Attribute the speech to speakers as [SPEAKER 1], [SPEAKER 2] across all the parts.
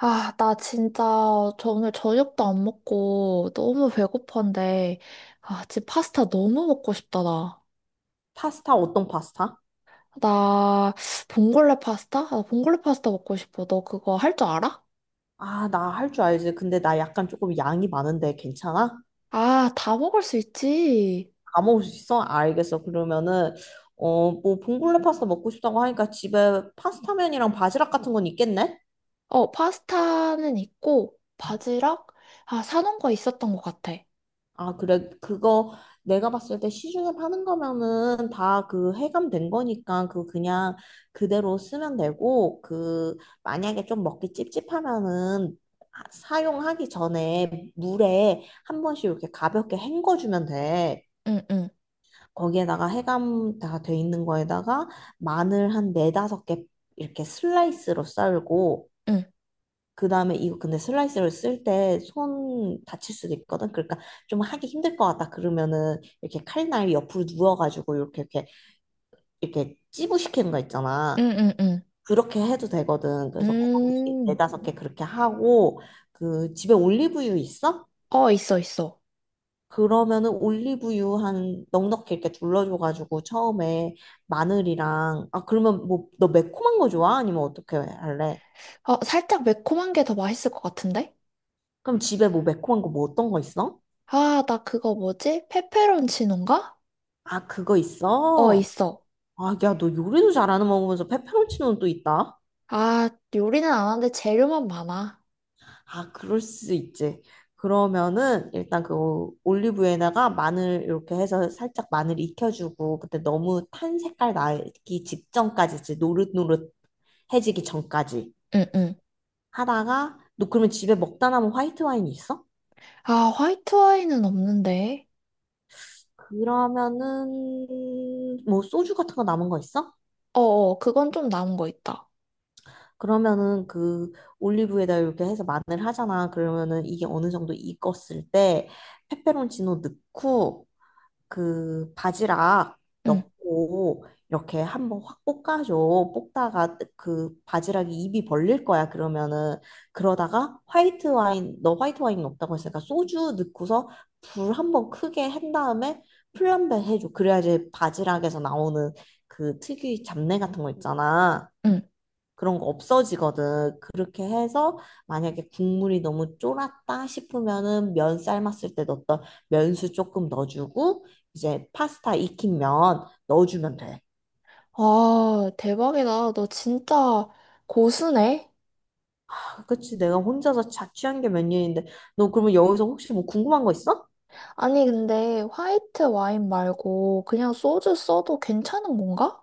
[SPEAKER 1] 아, 나 진짜 저 오늘 저녁도 안 먹고 너무 배고픈데, 아, 지금 파스타 너무 먹고 싶다, 나.
[SPEAKER 2] 파스타 어떤 파스타?
[SPEAKER 1] 나 봉골레 파스타? 아, 봉골레 파스타 먹고 싶어. 너 그거 할 줄 알아?
[SPEAKER 2] 아, 나 할 줄 알지. 근데 나 약간 조금 양이 많은데 괜찮아?
[SPEAKER 1] 아, 다 먹을 수 있지.
[SPEAKER 2] 다 먹을 수 있어? 알겠어. 그러면은 뭐 봉골레 파스타 먹고 싶다고 하니까 집에 파스타면이랑 바지락 같은 건 있겠네?
[SPEAKER 1] 어, 파스타는 있고, 바지락? 아, 사놓은 거 있었던 것 같아.
[SPEAKER 2] 아, 그래. 그거 내가 봤을 때 시중에 파는 거면은 다 그 해감된 거니까 그 그냥 그대로 쓰면 되고 그 만약에 좀 먹기 찝찝하면은 사용하기 전에 물에 한 번씩 이렇게 가볍게 헹궈주면 돼.
[SPEAKER 1] 응, 응,
[SPEAKER 2] 거기에다가 해감 다 돼 있는 거에다가 마늘 한 네다섯 개 이렇게 슬라이스로 썰고
[SPEAKER 1] 응,
[SPEAKER 2] 그다음에 이거 근데 슬라이스를 쓸 때 손 다칠 수도 있거든. 그러니까 좀 하기 힘들 것 같다. 그러면은 이렇게 칼날 옆으로 누워가지고 이렇게 이렇게 찌부시키는 거
[SPEAKER 1] 응,
[SPEAKER 2] 있잖아.
[SPEAKER 1] 응, 응.
[SPEAKER 2] 그렇게 해도 되거든. 그래서 거기
[SPEAKER 1] 음,
[SPEAKER 2] 네다섯 개 그렇게 하고 그 집에 올리브유 있어?
[SPEAKER 1] 어, 있어, 있어.
[SPEAKER 2] 그러면은 올리브유 한 넉넉히 이렇게 둘러줘가지고 처음에 마늘이랑 아 그러면 뭐 너 매콤한 거 좋아? 아니면 어떻게 할래?
[SPEAKER 1] 어, 살짝 매콤한 게 더 맛있을 것 같은데?
[SPEAKER 2] 그럼 집에 뭐 매콤한 거 뭐 어떤 거 있어?
[SPEAKER 1] 아, 나 그거 뭐지? 페페론치노인가?
[SPEAKER 2] 아 그거
[SPEAKER 1] 어,
[SPEAKER 2] 있어?
[SPEAKER 1] 있어.
[SPEAKER 2] 아 야 너 요리도 잘하는 먹으면서 페페론치노는 또 있다?
[SPEAKER 1] 아, 요리는 안 하는데 재료만 많아.
[SPEAKER 2] 아 그럴 수 있지. 그러면은 일단 그 올리브유에다가 마늘 이렇게 해서 살짝 마늘 익혀주고 그때 너무 탄 색깔 나기 직전까지 지 노릇노릇해지기 전까지
[SPEAKER 1] 응, 응.
[SPEAKER 2] 하다가 너 그러면 집에 먹다 남은 화이트 와인이 있어?
[SPEAKER 1] 아, 화이트 와인은 없는데.
[SPEAKER 2] 그러면은 뭐 소주 같은 거 남은 거 있어?
[SPEAKER 1] 어, 어, 그건 좀 남은 거 있다.
[SPEAKER 2] 그러면은 그 올리브에다 이렇게 해서 마늘 하잖아. 그러면은 이게 어느 정도 익었을 때 페페론치노 넣고 그 바지락
[SPEAKER 1] 응,
[SPEAKER 2] 넣고 이렇게 한번 확 볶아줘. 볶다가 그 바지락이 입이 벌릴 거야. 그러면은 그러다가 화이트 와인 너 화이트 와인 없다고 했으니까 소주 넣고서 불 한번 크게 한 다음에 플람베 해줘. 그래야지 바지락에서 나오는 그 특유의 잡내 같은 거 있잖아.
[SPEAKER 1] 응.
[SPEAKER 2] 그런 거 없어지거든. 그렇게 해서 만약에 국물이 너무 쫄았다 싶으면은 면 삶았을 때 넣었던 면수 조금 넣어주고 이제 파스타 익힌 면 넣어주면 돼.
[SPEAKER 1] 아, 대박이다. 너 진짜 고수네?
[SPEAKER 2] 아, 그치, 내가 혼자서 자취한 게 몇 년인데 너 그러면 여기서 혹시 뭐 궁금한 거 있어?
[SPEAKER 1] 아니, 근데 화이트 와인 말고 그냥 소주 써도 괜찮은 건가?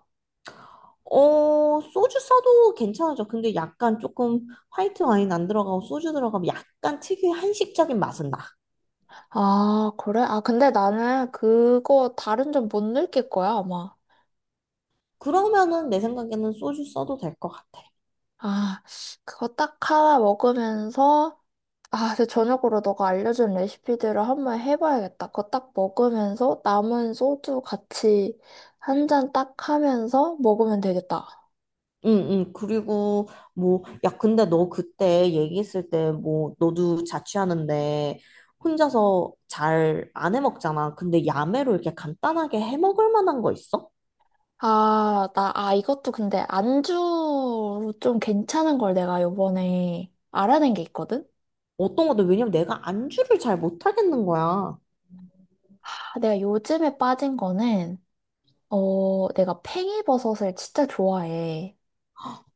[SPEAKER 2] 어, 소주 써도 괜찮아져. 근데 약간 조금 화이트 와인 안 들어가고 소주 들어가면 약간 특유의 한식적인 맛은 나.
[SPEAKER 1] 아, 그래? 아, 근데 나는 그거 다른 점 못 느낄 거야, 아마.
[SPEAKER 2] 그러면은 내 생각에는 소주 써도 될 것 같아.
[SPEAKER 1] 아, 그거 딱 하나 먹으면서 아, 근데 저녁으로 너가 알려준 레시피들을 한번 해봐야겠다. 그거 딱 먹으면서 남은 소주 같이 한 잔 딱 하면서 먹으면 되겠다.
[SPEAKER 2] 응, 응. 그리고, 뭐, 야, 근데 너 그때 얘기했을 때, 뭐, 너도 자취하는데, 혼자서 잘 안 해 먹잖아. 근데 야매로 이렇게 간단하게 해 먹을 만한 거 있어?
[SPEAKER 1] 아, 나, 아, 이것도 근데 안주 좀 괜찮은 걸 내가 요번에 알아낸 게 있거든?
[SPEAKER 2] 어떤 거도 왜냐면 내가 안주를 잘 못 하겠는 거야.
[SPEAKER 1] 아, 내가 요즘에 빠진 거는, 어, 내가 팽이버섯을 진짜 좋아해.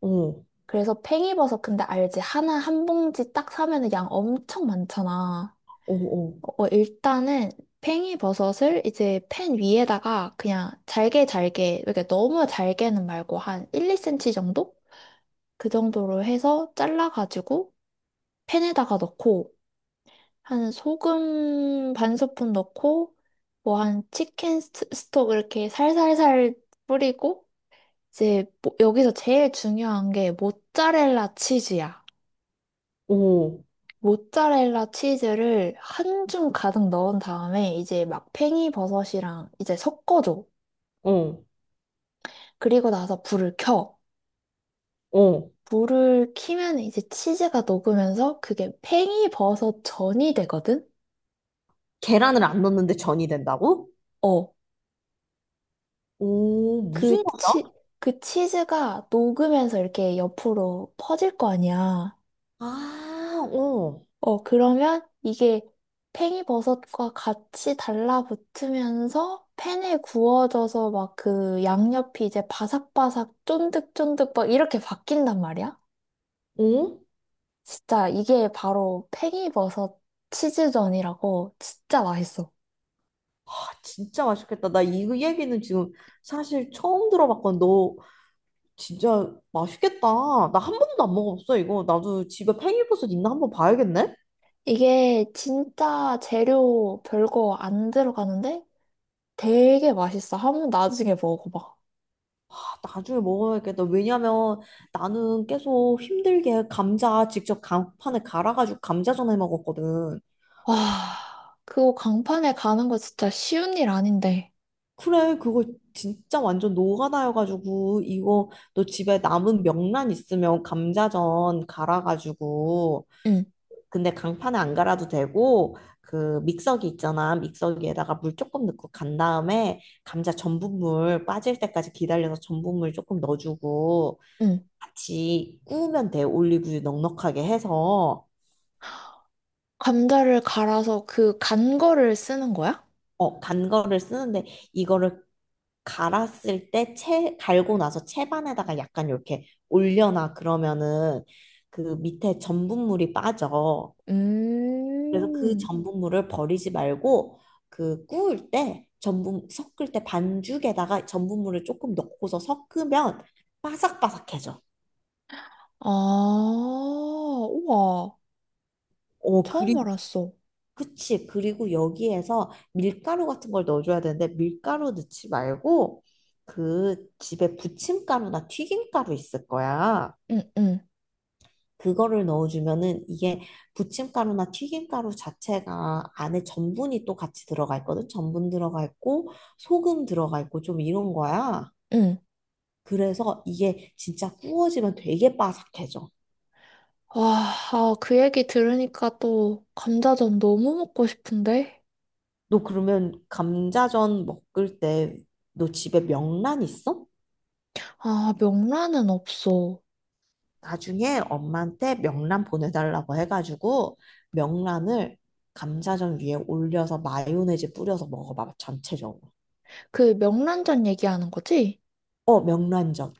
[SPEAKER 2] 어,
[SPEAKER 1] 그래서 팽이버섯 근데 알지? 하나 한 봉지 딱 사면은 양 엄청 많잖아.
[SPEAKER 2] 어, 어,
[SPEAKER 1] 어, 일단은 팽이버섯을 이제 팬 위에다가 그냥 잘게 잘게, 이렇게 너무 잘게는 말고 한 1, 2cm 정도? 그 정도로 해서 잘라가지고 팬에다가 넣고 한 소금 반 스푼 넣고 뭐 한 치킨 스톡 이렇게 살살살 뿌리고 이제 여기서 제일 중요한 게 모짜렐라 치즈야.
[SPEAKER 2] 어,
[SPEAKER 1] 모짜렐라 치즈를 한줌 가득 넣은 다음에 이제 막 팽이버섯이랑 이제 섞어줘.
[SPEAKER 2] 어,
[SPEAKER 1] 그리고 나서 불을 켜.
[SPEAKER 2] 어.
[SPEAKER 1] 불을 키면 이제 치즈가 녹으면서 그게 팽이버섯 전이 되거든?
[SPEAKER 2] 계란을 안 넣는데 전이 된다고?
[SPEAKER 1] 어,
[SPEAKER 2] 오, 무슨
[SPEAKER 1] 그 치,
[SPEAKER 2] 맛이야?
[SPEAKER 1] 그 치즈가 녹으면서 이렇게 옆으로 퍼질 거 아니야.
[SPEAKER 2] 아, 어,
[SPEAKER 1] 어, 그러면 이게 팽이버섯과 같이 달라붙으면서 팬에 구워져서 막 그 양옆이 이제 바삭바삭 쫀득쫀득 막 이렇게 바뀐단 말이야?
[SPEAKER 2] 어?
[SPEAKER 1] 진짜 이게 바로 팽이버섯 치즈전이라고 진짜 맛있어.
[SPEAKER 2] 아, 진짜 맛있겠다. 나 이 얘기는 지금 사실 처음 들어봤거든. 너 진짜 맛있겠다. 나 한 번도 안 먹어봤어, 이거. 나도 집에 팽이버섯 있나 한번 봐야겠네?
[SPEAKER 1] 이게 진짜 재료 별거 안 들어가는데 되게 맛있어. 한번 나중에 먹어봐.
[SPEAKER 2] 아, 나중에 먹어야겠다. 왜냐면 나는 계속 힘들게 감자 직접 강판에 갈아가지고 감자전에 먹었거든.
[SPEAKER 1] 와, 그거 강판에 가는 거 진짜 쉬운 일 아닌데.
[SPEAKER 2] 그래, 그거 진짜 완전 노가다여가지고, 이거 너 집에 남은 명란 있으면 감자전 갈아가지고
[SPEAKER 1] 응,
[SPEAKER 2] 근데 강판에 안 갈아도 되고 그 믹서기 있잖아. 믹서기에다가 물 조금 넣고 간 다음에 감자 전분물 빠질 때까지 기다려서 전분물 조금 넣어주고
[SPEAKER 1] 응.
[SPEAKER 2] 같이 구우면 돼. 올리브유 넉넉하게 해서
[SPEAKER 1] 감자를 갈아서 그 간 거를 쓰는 거야?
[SPEAKER 2] 어, 간 거를 쓰는데 이거를 갈았을 때 갈고 나서 채반에다가 약간 이렇게 올려놔. 그러면은 그 밑에 전분물이 빠져. 그래서 그
[SPEAKER 1] 음,
[SPEAKER 2] 전분물을 버리지 말고 그 구울 때 전분 섞을 때 반죽에다가 전분물을 조금 넣고서 섞으면 바삭바삭해져.
[SPEAKER 1] 아, 우와.
[SPEAKER 2] 어,
[SPEAKER 1] 처음
[SPEAKER 2] 그리,
[SPEAKER 1] 알았어.
[SPEAKER 2] 그치. 그리고 여기에서 밀가루 같은 걸 넣어줘야 되는데 밀가루 넣지 말고 그 집에 부침가루나 튀김가루 있을 거야.
[SPEAKER 1] 응, 응,
[SPEAKER 2] 그거를 넣어주면은 이게 부침가루나 튀김가루 자체가 안에 전분이 또 같이 들어가 있거든. 전분 들어가 있고 소금 들어가 있고 좀 이런 거야.
[SPEAKER 1] 응.
[SPEAKER 2] 그래서 이게 진짜 구워지면 되게 바삭해져.
[SPEAKER 1] 와, 아, 그 얘기 들으니까 또 감자전 너무 먹고 싶은데?
[SPEAKER 2] 너 그러면 감자전 먹을 때 너 집에 명란 있어?
[SPEAKER 1] 아, 명란은 없어.
[SPEAKER 2] 나중에 엄마한테 명란 보내달라고 해가지고 명란을 감자전 위에 올려서 마요네즈 뿌려서 먹어봐 전체적으로.
[SPEAKER 1] 그 명란젓 얘기하는 거지?
[SPEAKER 2] 어명란전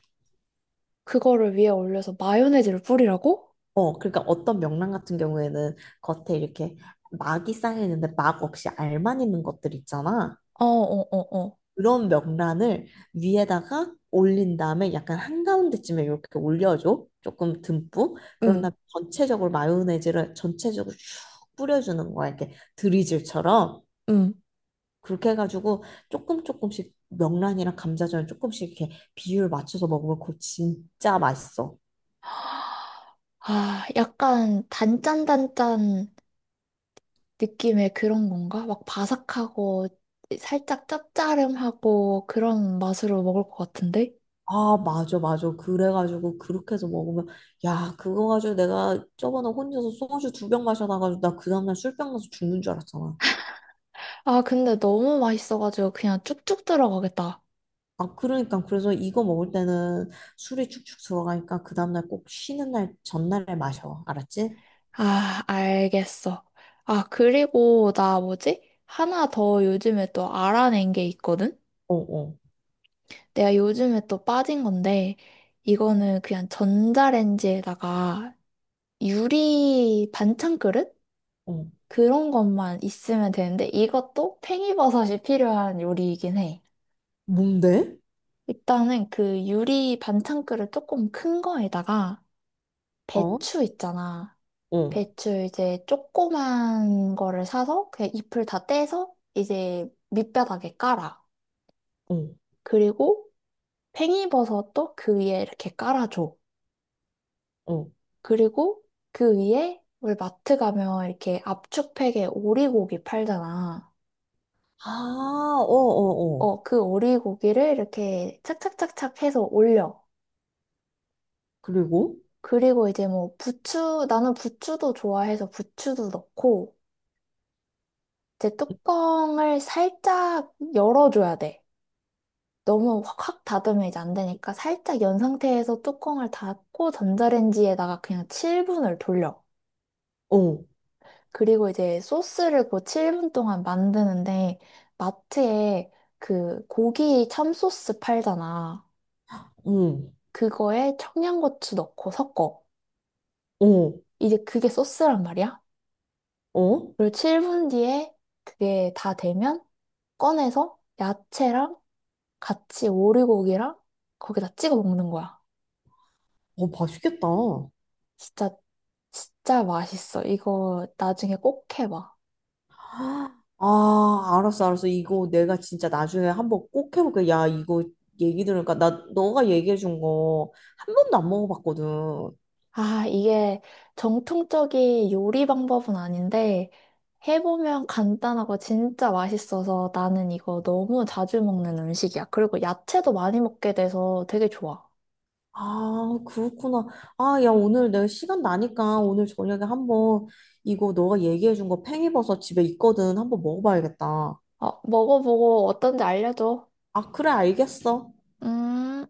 [SPEAKER 1] 그거를 위에 올려서 마요네즈를 뿌리라고?
[SPEAKER 2] 어, 그러니까 어떤 명란 같은 경우에는 겉에 이렇게 막이 쌓여 있는데 막 없이 알만 있는 것들 있잖아.
[SPEAKER 1] 어, 어, 어, 어.
[SPEAKER 2] 그런 명란을 위에다가 올린 다음에 약간 한가운데쯤에 이렇게 올려줘. 조금 듬뿍. 그런
[SPEAKER 1] 응,
[SPEAKER 2] 다음에 전체적으로 마요네즈를 전체적으로 쭉 뿌려주는 거야. 이렇게 드리즐처럼.
[SPEAKER 1] 응.
[SPEAKER 2] 그렇게 해가지고 조금 조금씩 명란이랑 감자전을 조금씩 이렇게 비율 맞춰서 먹으면 그거 진짜 맛있어.
[SPEAKER 1] 아, 약간 단짠단짠 느낌의 그런 건가? 막 바삭하고 살짝 짭짜름하고 그런 맛으로 먹을 것 같은데?
[SPEAKER 2] 아, 맞아, 맞아. 그래가지고, 그렇게 해서 먹으면, 야, 그거 가지고 내가 저번에 혼자서 소주 두 병 마셔놔가지고, 나 그 다음날 술병 나서 죽는 줄 알았잖아.
[SPEAKER 1] 아, 근데 너무 맛있어가지고 그냥 쭉쭉 들어가겠다.
[SPEAKER 2] 아, 그러니까, 그래서 이거 먹을 때는 술이 축축 들어가니까, 그 다음날 꼭 쉬는 날, 전날에 마셔. 알았지?
[SPEAKER 1] 아, 알겠어. 아, 그리고 나 뭐지? 하나 더 요즘에 또 알아낸 게 있거든?
[SPEAKER 2] 어, 어,
[SPEAKER 1] 내가 요즘에 또 빠진 건데, 이거는 그냥 전자레인지에다가 유리 반찬 그릇?
[SPEAKER 2] 어.
[SPEAKER 1] 그런 것만 있으면 되는데, 이것도 팽이버섯이 필요한 요리이긴 해.
[SPEAKER 2] 뭔데?
[SPEAKER 1] 일단은 그 유리 반찬그릇 조금 큰 거에다가
[SPEAKER 2] 어,
[SPEAKER 1] 배추 있잖아.
[SPEAKER 2] 어,
[SPEAKER 1] 배추 이제 조그만 거를 사서 그냥 잎을 다 떼서 이제 밑바닥에 깔아.
[SPEAKER 2] 어,
[SPEAKER 1] 그리고 팽이버섯도 그 위에 이렇게 깔아줘.
[SPEAKER 2] 어.
[SPEAKER 1] 그리고 그 위에 우리 마트 가면 이렇게 압축팩에 오리고기 팔잖아.
[SPEAKER 2] 아, 어, 어, 어.
[SPEAKER 1] 어, 그 오리고기를 이렇게 착착착착 해서 올려.
[SPEAKER 2] 그리고,
[SPEAKER 1] 그리고 이제 뭐 부추, 나는 부추도 좋아해서 부추도 넣고, 이제 뚜껑을 살짝 열어줘야 돼. 너무 확확 닫으면 이제 안 되니까 살짝 연 상태에서 뚜껑을 닫고 전자레인지에다가 그냥 7분을 돌려.
[SPEAKER 2] 어,
[SPEAKER 1] 그리고 이제 소스를 그 7분 동안 만드는데 마트에 그 고기 참소스 팔잖아.
[SPEAKER 2] 응,
[SPEAKER 1] 그거에 청양고추 넣고 섞어.
[SPEAKER 2] 어,
[SPEAKER 1] 이제 그게 소스란 말이야.
[SPEAKER 2] 어.
[SPEAKER 1] 그리고 7분 뒤에 그게 다 되면 꺼내서 야채랑 같이 오리고기랑 거기다 찍어 먹는 거야.
[SPEAKER 2] 어, 맛있겠다.
[SPEAKER 1] 진짜, 진짜 맛있어. 이거 나중에 꼭 해봐.
[SPEAKER 2] 아, 알았어, 알았어. 이거 내가 진짜 나중에 한번 꼭 해볼게. 야, 이거 얘기 들으니까 나 너가 얘기해준 거 한 번도 안 먹어봤거든.
[SPEAKER 1] 아, 이게 정통적인 요리 방법은 아닌데, 해보면 간단하고 진짜 맛있어서 나는 이거 너무 자주 먹는 음식이야. 그리고 야채도 많이 먹게 돼서 되게 좋아.
[SPEAKER 2] 아, 그렇구나. 아, 야, 오늘 내가 시간 나니까 오늘 저녁에 한번 이거 너가 얘기해준 거 팽이버섯 집에 있거든. 한번 먹어봐야겠다.
[SPEAKER 1] 어, 먹어보고 어떤지 알려줘.
[SPEAKER 2] 아, 그래, 알겠어.
[SPEAKER 1] 음.